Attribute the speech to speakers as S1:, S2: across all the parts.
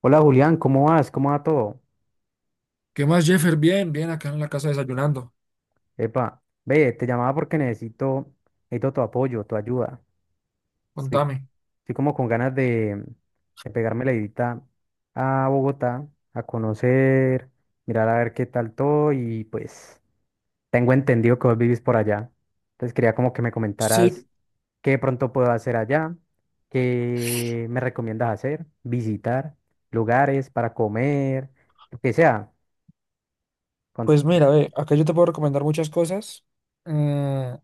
S1: Hola Julián, ¿cómo vas? ¿Cómo va todo?
S2: ¿Qué más, Jeffer? Bien, bien, acá en la casa desayunando.
S1: Epa, ve, te llamaba porque necesito tu apoyo, tu ayuda. Estoy,
S2: Contame.
S1: estoy como con ganas de pegarme la edita a Bogotá, a conocer, mirar a ver qué tal todo y pues tengo entendido que vos vivís por allá. Entonces quería como que me comentaras
S2: Sí,
S1: qué de pronto puedo hacer allá, qué me recomiendas hacer, visitar lugares para comer, lo que sea.
S2: pues mira, ve, acá yo te puedo recomendar muchas cosas. Mm,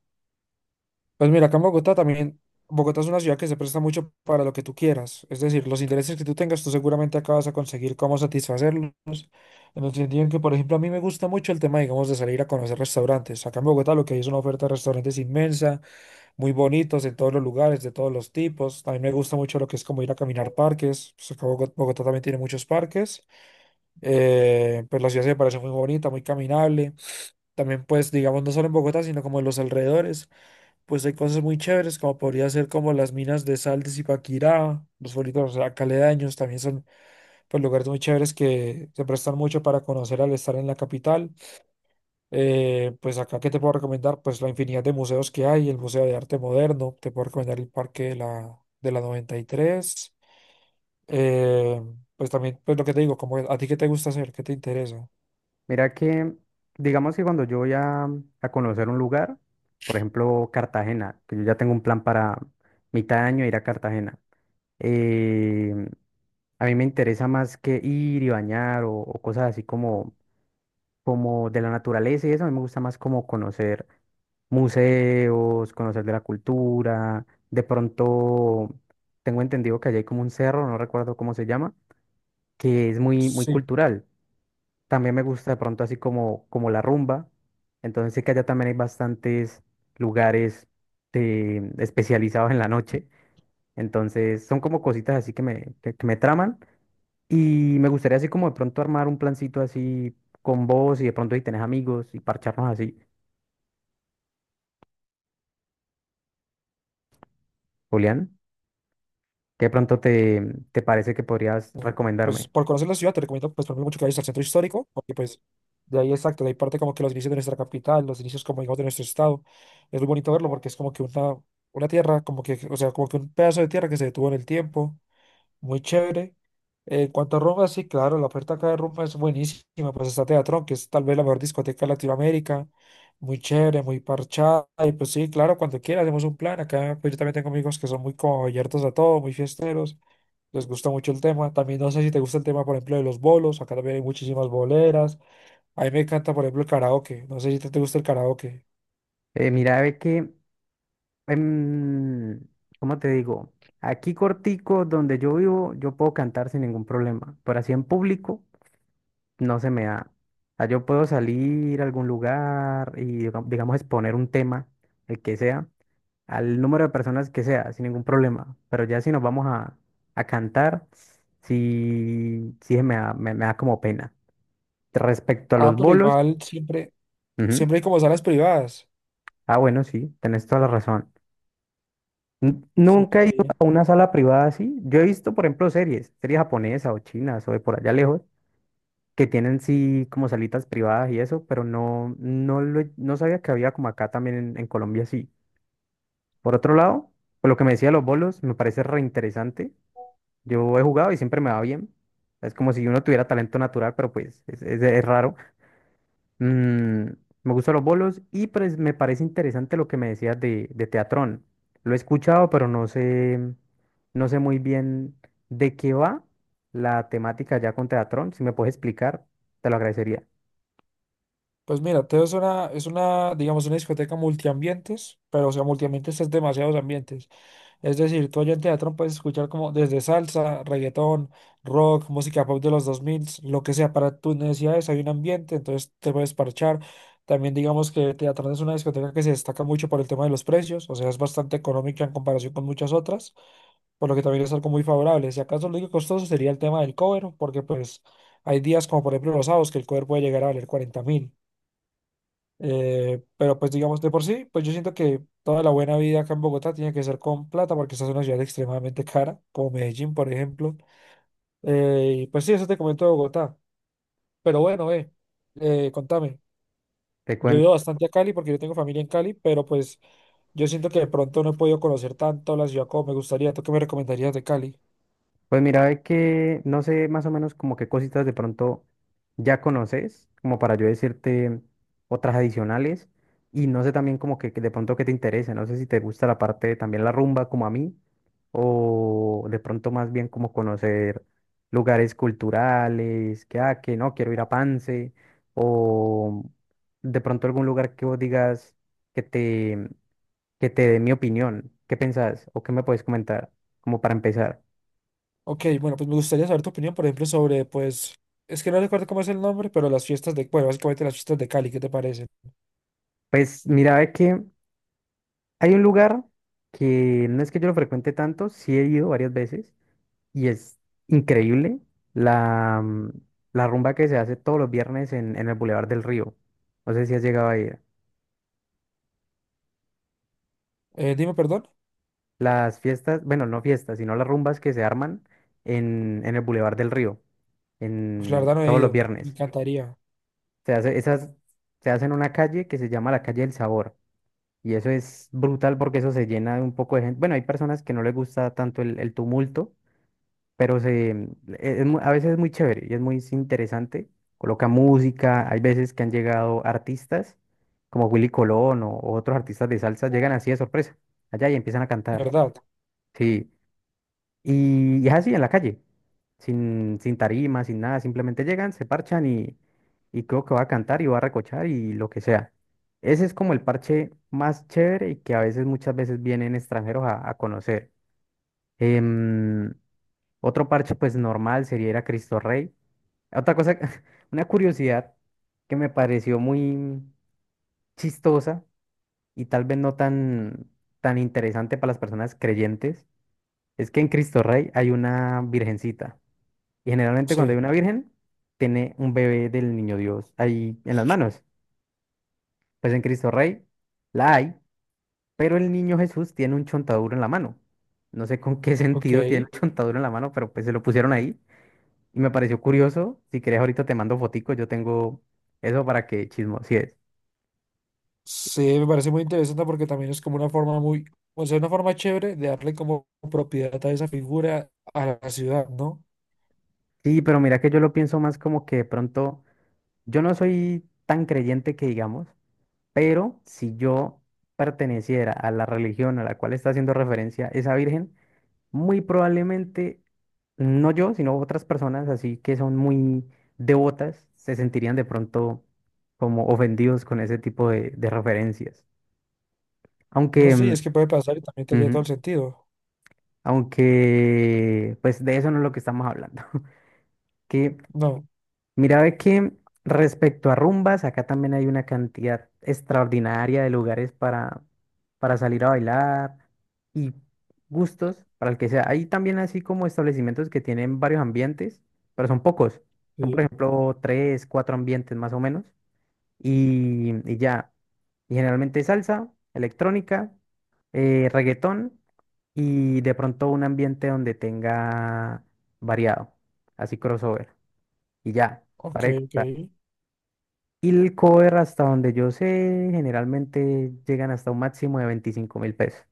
S2: pues mira, acá en Bogotá también, Bogotá es una ciudad que se presta mucho para lo que tú quieras. Es decir, los intereses que tú tengas, tú seguramente acá vas a conseguir cómo satisfacerlos. En el sentido en que, por ejemplo, a mí me gusta mucho el tema, digamos, de salir a conocer restaurantes. Acá en Bogotá lo que hay es una oferta de restaurantes inmensa, muy bonitos en todos los lugares, de todos los tipos. También me gusta mucho lo que es como ir a caminar parques. Pues acá Bogotá también tiene muchos parques. Pues la ciudad se me parece muy bonita, muy caminable. También, pues, digamos, no solo en Bogotá, sino como en los alrededores, pues hay cosas muy chéveres, como podría ser como las minas de sal de Zipaquirá, los pueblitos caledaños, también son pues lugares muy chéveres que se prestan mucho para conocer al estar en la capital. Pues acá, ¿qué te puedo recomendar? Pues la infinidad de museos que hay, el Museo de Arte Moderno, te puedo recomendar el Parque de la 93. Eh, pues también, pues lo que te digo, como a ti qué te gusta hacer, qué te interesa.
S1: Mira que, digamos que cuando yo voy a conocer un lugar, por ejemplo Cartagena, que yo ya tengo un plan para mitad de año ir a Cartagena, eh, a mí me interesa más que ir y bañar o cosas así como de la naturaleza y eso. A mí me gusta más como conocer museos, conocer de la cultura. De pronto tengo entendido que allá hay como un cerro, no recuerdo cómo se llama, que es muy, muy
S2: Sí,
S1: cultural. También me gusta de pronto así como la rumba. Entonces sé que allá también hay bastantes lugares especializados en la noche. Entonces son como cositas así que me traman. Y me gustaría así como de pronto armar un plancito así con vos y de pronto si tenés amigos y parcharnos así. Julián, ¿qué de pronto te parece que podrías recomendarme?
S2: pues por conocer la ciudad te recomiendo pues por ejemplo, mucho que vayas al centro histórico, porque pues de ahí exacto, de ahí parte como que los inicios de nuestra capital, los inicios como digamos de nuestro estado, es muy bonito verlo porque es como que una tierra, como que, o sea, como que un pedazo de tierra que se detuvo en el tiempo muy chévere. En cuanto a rumba, sí, claro, la oferta acá de rumba es buenísima. Pues está Teatrón, que es tal vez la mejor discoteca de Latinoamérica. Muy chévere, muy parchada. Y pues sí, claro, cuando quiera hacemos un plan. Acá pues yo también tengo amigos que son muy como abiertos a todo, muy fiesteros. Les gusta mucho el tema. También no sé si te gusta el tema, por ejemplo, de los bolos. Acá también hay muchísimas boleras. A mí me encanta, por ejemplo, el karaoke. No sé si te gusta el karaoke.
S1: Mira, ve que Em, ¿cómo te digo? Aquí cortico, donde yo vivo, yo puedo cantar sin ningún problema, pero así en público no se me da. O sea, yo puedo salir a algún lugar y, digamos, exponer un tema, el que sea, al número de personas que sea, sin ningún problema. Pero ya si nos vamos a cantar, sí, sí me da, me da como pena. Respecto a
S2: Ah,
S1: los No.
S2: pero
S1: bolos,
S2: igual siempre,
S1: ujú.
S2: siempre hay como salas privadas.
S1: Ah, bueno, sí, tenés toda la razón.
S2: Sí,
S1: Nunca
S2: está
S1: he ido
S2: bien.
S1: a una sala privada así. Yo he visto, por ejemplo, series japonesas o chinas o de por allá lejos, que tienen sí como salitas privadas y eso, pero no, no, no sabía que había como acá también en Colombia sí. Por otro lado, pues lo que me decía de los bolos me parece reinteresante. Yo he jugado y siempre me va bien. Es como si uno tuviera talento natural, pero pues es raro. Mm, me gustan los bolos y pues, me parece interesante lo que me decías de Teatrón. Lo he escuchado, pero no sé muy bien de qué va la temática ya con Teatrón. Si me puedes explicar, te lo agradecería.
S2: Pues mira, Teo es una, digamos, una discoteca multiambientes, pero o sea, multiambientes es demasiados ambientes. Es decir, tú allá en Teatrón puedes escuchar como desde salsa, reggaetón, rock, música pop de los 2000, lo que sea, para tus necesidades hay un ambiente, entonces te puedes parchar. También digamos que Teatrón es una discoteca que se destaca mucho por el tema de los precios, o sea, es bastante económica en comparación con muchas otras, por lo que también es algo muy favorable. Si acaso lo único costoso sería el tema del cover, porque pues hay días como por ejemplo los sábados que el cover puede llegar a valer 40.000. Pero pues digamos, de por sí, pues yo siento que toda la buena vida acá en Bogotá tiene que ser con plata porque esta es una ciudad extremadamente cara, como Medellín, por ejemplo. Y pues sí, eso te comento de Bogotá. Pero bueno, contame.
S1: Te
S2: Yo he
S1: cuento.
S2: ido bastante a Cali porque yo tengo familia en Cali, pero pues yo siento que de pronto no he podido conocer tanto la ciudad como me gustaría. ¿Tú qué me recomendarías de Cali?
S1: Pues mira, ve que no sé más o menos como qué cositas de pronto ya conoces, como para yo decirte otras adicionales, y no sé también como que de pronto qué te interesa, no sé si te gusta la parte también la rumba como a mí, o de pronto más bien como conocer lugares culturales, que no, quiero ir a Pance, o de pronto algún lugar que vos digas que te, que te dé mi opinión. ¿Qué pensás o qué me puedes comentar como para empezar?
S2: Ok, bueno, pues me gustaría saber tu opinión, por ejemplo, sobre pues. Es que no recuerdo cómo es el nombre, pero las fiestas de. Bueno, básicamente las fiestas de Cali, ¿qué te parecen?
S1: Pues mira, ve que hay un lugar que no es que yo lo frecuente tanto, sí he ido varias veces y es increíble la, mm, la rumba que se hace todos los viernes en el Boulevard del Río. No sé si has llegado a ir.
S2: Dime, perdón.
S1: Las fiestas, bueno, no fiestas, sino las rumbas que se arman en el Boulevard del Río,
S2: Pues la
S1: en
S2: verdad no he
S1: todos los
S2: ido, me
S1: viernes.
S2: encantaría,
S1: Esas se hacen en una calle que se llama la calle del Sabor. Y eso es brutal porque eso se llena de un poco de gente. Bueno, hay personas que no les gusta tanto el tumulto, pero se, mm, e- es mu- a veces es muy chévere y es muy interesante. Coloca música, hay veces que han llegado artistas como Willy Colón o otros artistas de salsa, llegan así de sorpresa, allá y empiezan a
S2: de
S1: cantar.
S2: verdad.
S1: Sí, y es así en la calle, sin tarima, sin nada, simplemente llegan, se parchan y creo que va a cantar y va a recochar y lo que sea. Ese es como el parche más chévere y que a veces, muchas veces vienen extranjeros a conocer. Em, otro parche, pues normal, sería ir a Cristo Rey. Otra cosa, una curiosidad que me pareció muy chistosa y tal vez no tan interesante para las personas creyentes, es que en Cristo Rey hay una virgencita. Y generalmente cuando hay
S2: Sí,
S1: una virgen, tiene un bebé del niño Dios ahí en las manos. Pues en Cristo Rey la hay, pero el niño Jesús tiene un chontaduro en la mano. No sé con qué
S2: ok.
S1: sentido tiene un chontaduro en la mano, pero pues se lo pusieron ahí. Y me pareció curioso. Si querés, ahorita te mando fotico. Yo tengo eso para que chismosies.
S2: Sí, me parece muy interesante porque también es como una forma muy, o sea, una forma chévere de darle como propiedad a esa figura a la ciudad, ¿no?
S1: Sí, pero mira que yo lo pienso más como que de pronto. Yo no soy tan creyente que digamos, pero si yo perteneciera a la religión a la cual está haciendo referencia esa virgen, muy probablemente, no yo, sino otras personas así que son muy devotas, se sentirían de pronto como ofendidos con ese tipo de referencias.
S2: No
S1: Aunque.
S2: sé,
S1: Mm,
S2: es que puede pasar y también tendría todo
S1: ujú.
S2: el sentido.
S1: Aunque, pues de eso no es lo que estamos hablando. Que,
S2: No,
S1: mira, ve que respecto a rumbas, acá también hay una cantidad extraordinaria de lugares para salir a bailar y gustos para el que sea. Hay también así como establecimientos que tienen varios ambientes, pero son pocos. Son, por
S2: sí,
S1: ejemplo, tres, cuatro ambientes más o menos. Y ya. Y generalmente salsa, electrónica, reggaetón y de pronto un ambiente donde tenga variado, así crossover, y ya,
S2: ok,
S1: para de
S2: ok,
S1: contar. Y el cover, hasta donde yo sé, generalmente llegan hasta un máximo de 25.000 pesos.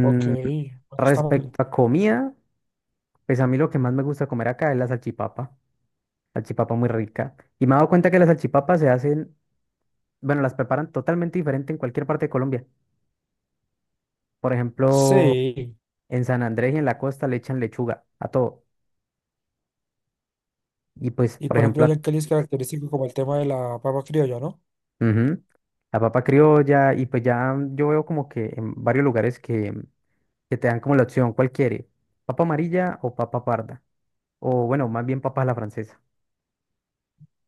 S2: ok, bueno, está mal.
S1: respecto a comida, pues a mí lo que más me gusta comer acá es la salchipapa, salchipapa muy rica. Y me he dado cuenta que las salchipapas se hacen, bueno, las preparan totalmente diferente en cualquier parte de Colombia. Por ejemplo,
S2: Sí,
S1: en San Andrés y en la costa le echan lechuga a todo. Y pues,
S2: y
S1: por
S2: por ejemplo,
S1: ejemplo,
S2: ya en Cali es característico como el tema de la papa criolla, ¿no?
S1: ujú. La papa criolla, y pues ya yo veo como que en varios lugares que te dan como la opción, ¿cuál quiere? ¿Papa amarilla o papa parda? O bueno, más bien papa a la francesa.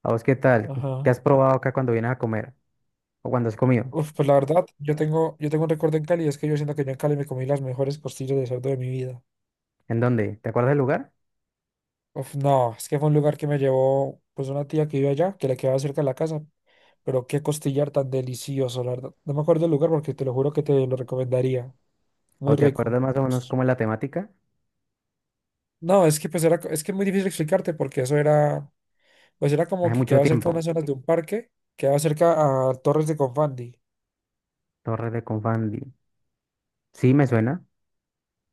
S1: ¿A vos qué tal? ¿Qué
S2: Ajá.
S1: has probado acá cuando vienes a comer? ¿O cuando has comido?
S2: Uf, pues la verdad, yo tengo un recuerdo en Cali, es que yo siento que yo en Cali me comí las mejores costillas de cerdo de mi vida.
S1: ¿En dónde? ¿Te acuerdas del lugar?
S2: Uf, no, es que fue un lugar que me llevó pues una tía que vive allá, que le quedaba cerca de la casa, pero qué costillar tan delicioso, la verdad. No me acuerdo el lugar porque te lo juro que te lo recomendaría. Muy
S1: ¿O te
S2: rico.
S1: acuerdas más o menos cómo es la temática?
S2: No, es que pues era, es que es muy difícil explicarte porque eso era, pues era como
S1: Hace
S2: que
S1: mucho
S2: quedaba cerca de unas
S1: tiempo.
S2: zonas de un parque, quedaba cerca a Torres de Confandi.
S1: Torre de Confandi. Sí, me suena,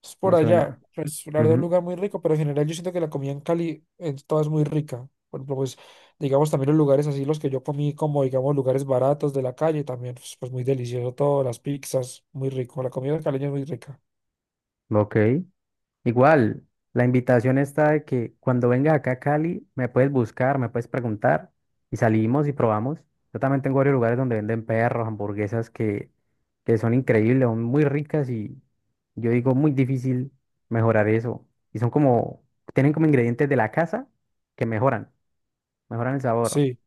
S2: Es
S1: me
S2: por allá.
S1: suena.
S2: Pues la verdad, un
S1: Ujú.
S2: lugar muy rico, pero en general yo siento que la comida en Cali es toda es muy rica. Por ejemplo, pues digamos también los lugares así, los que yo comí como digamos lugares baratos de la calle, también pues, pues, muy delicioso todo, las pizzas, muy rico. La comida caleña es muy rica.
S1: Ok. Igual, la invitación está de que cuando vengas acá a Cali, me puedes buscar, me puedes preguntar y salimos y probamos. Yo también tengo varios lugares donde venden perros, hamburguesas que son increíbles, son muy ricas y yo digo muy difícil mejorar eso. Y son como, tienen como ingredientes de la casa que mejoran el sabor.
S2: Sí.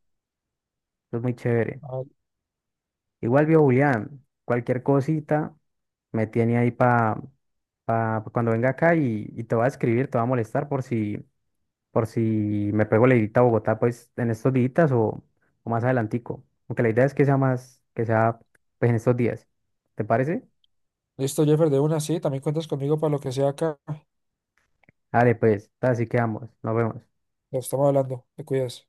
S1: Eso es muy chévere.
S2: Ah,
S1: Igual, viejo Julián, cualquier cosita me tiene ahí para cuando venga acá y te va a escribir, te va a molestar por si me pego la idita a Bogotá, pues en estos días o más adelantico. Aunque la idea es que sea que sea pues en estos días. ¿Te parece?
S2: listo, Jeffer, de una, sí, también cuentas conmigo para lo que sea acá.
S1: Dale, pues, así quedamos. Nos vemos.
S2: Lo estamos hablando, te cuidas.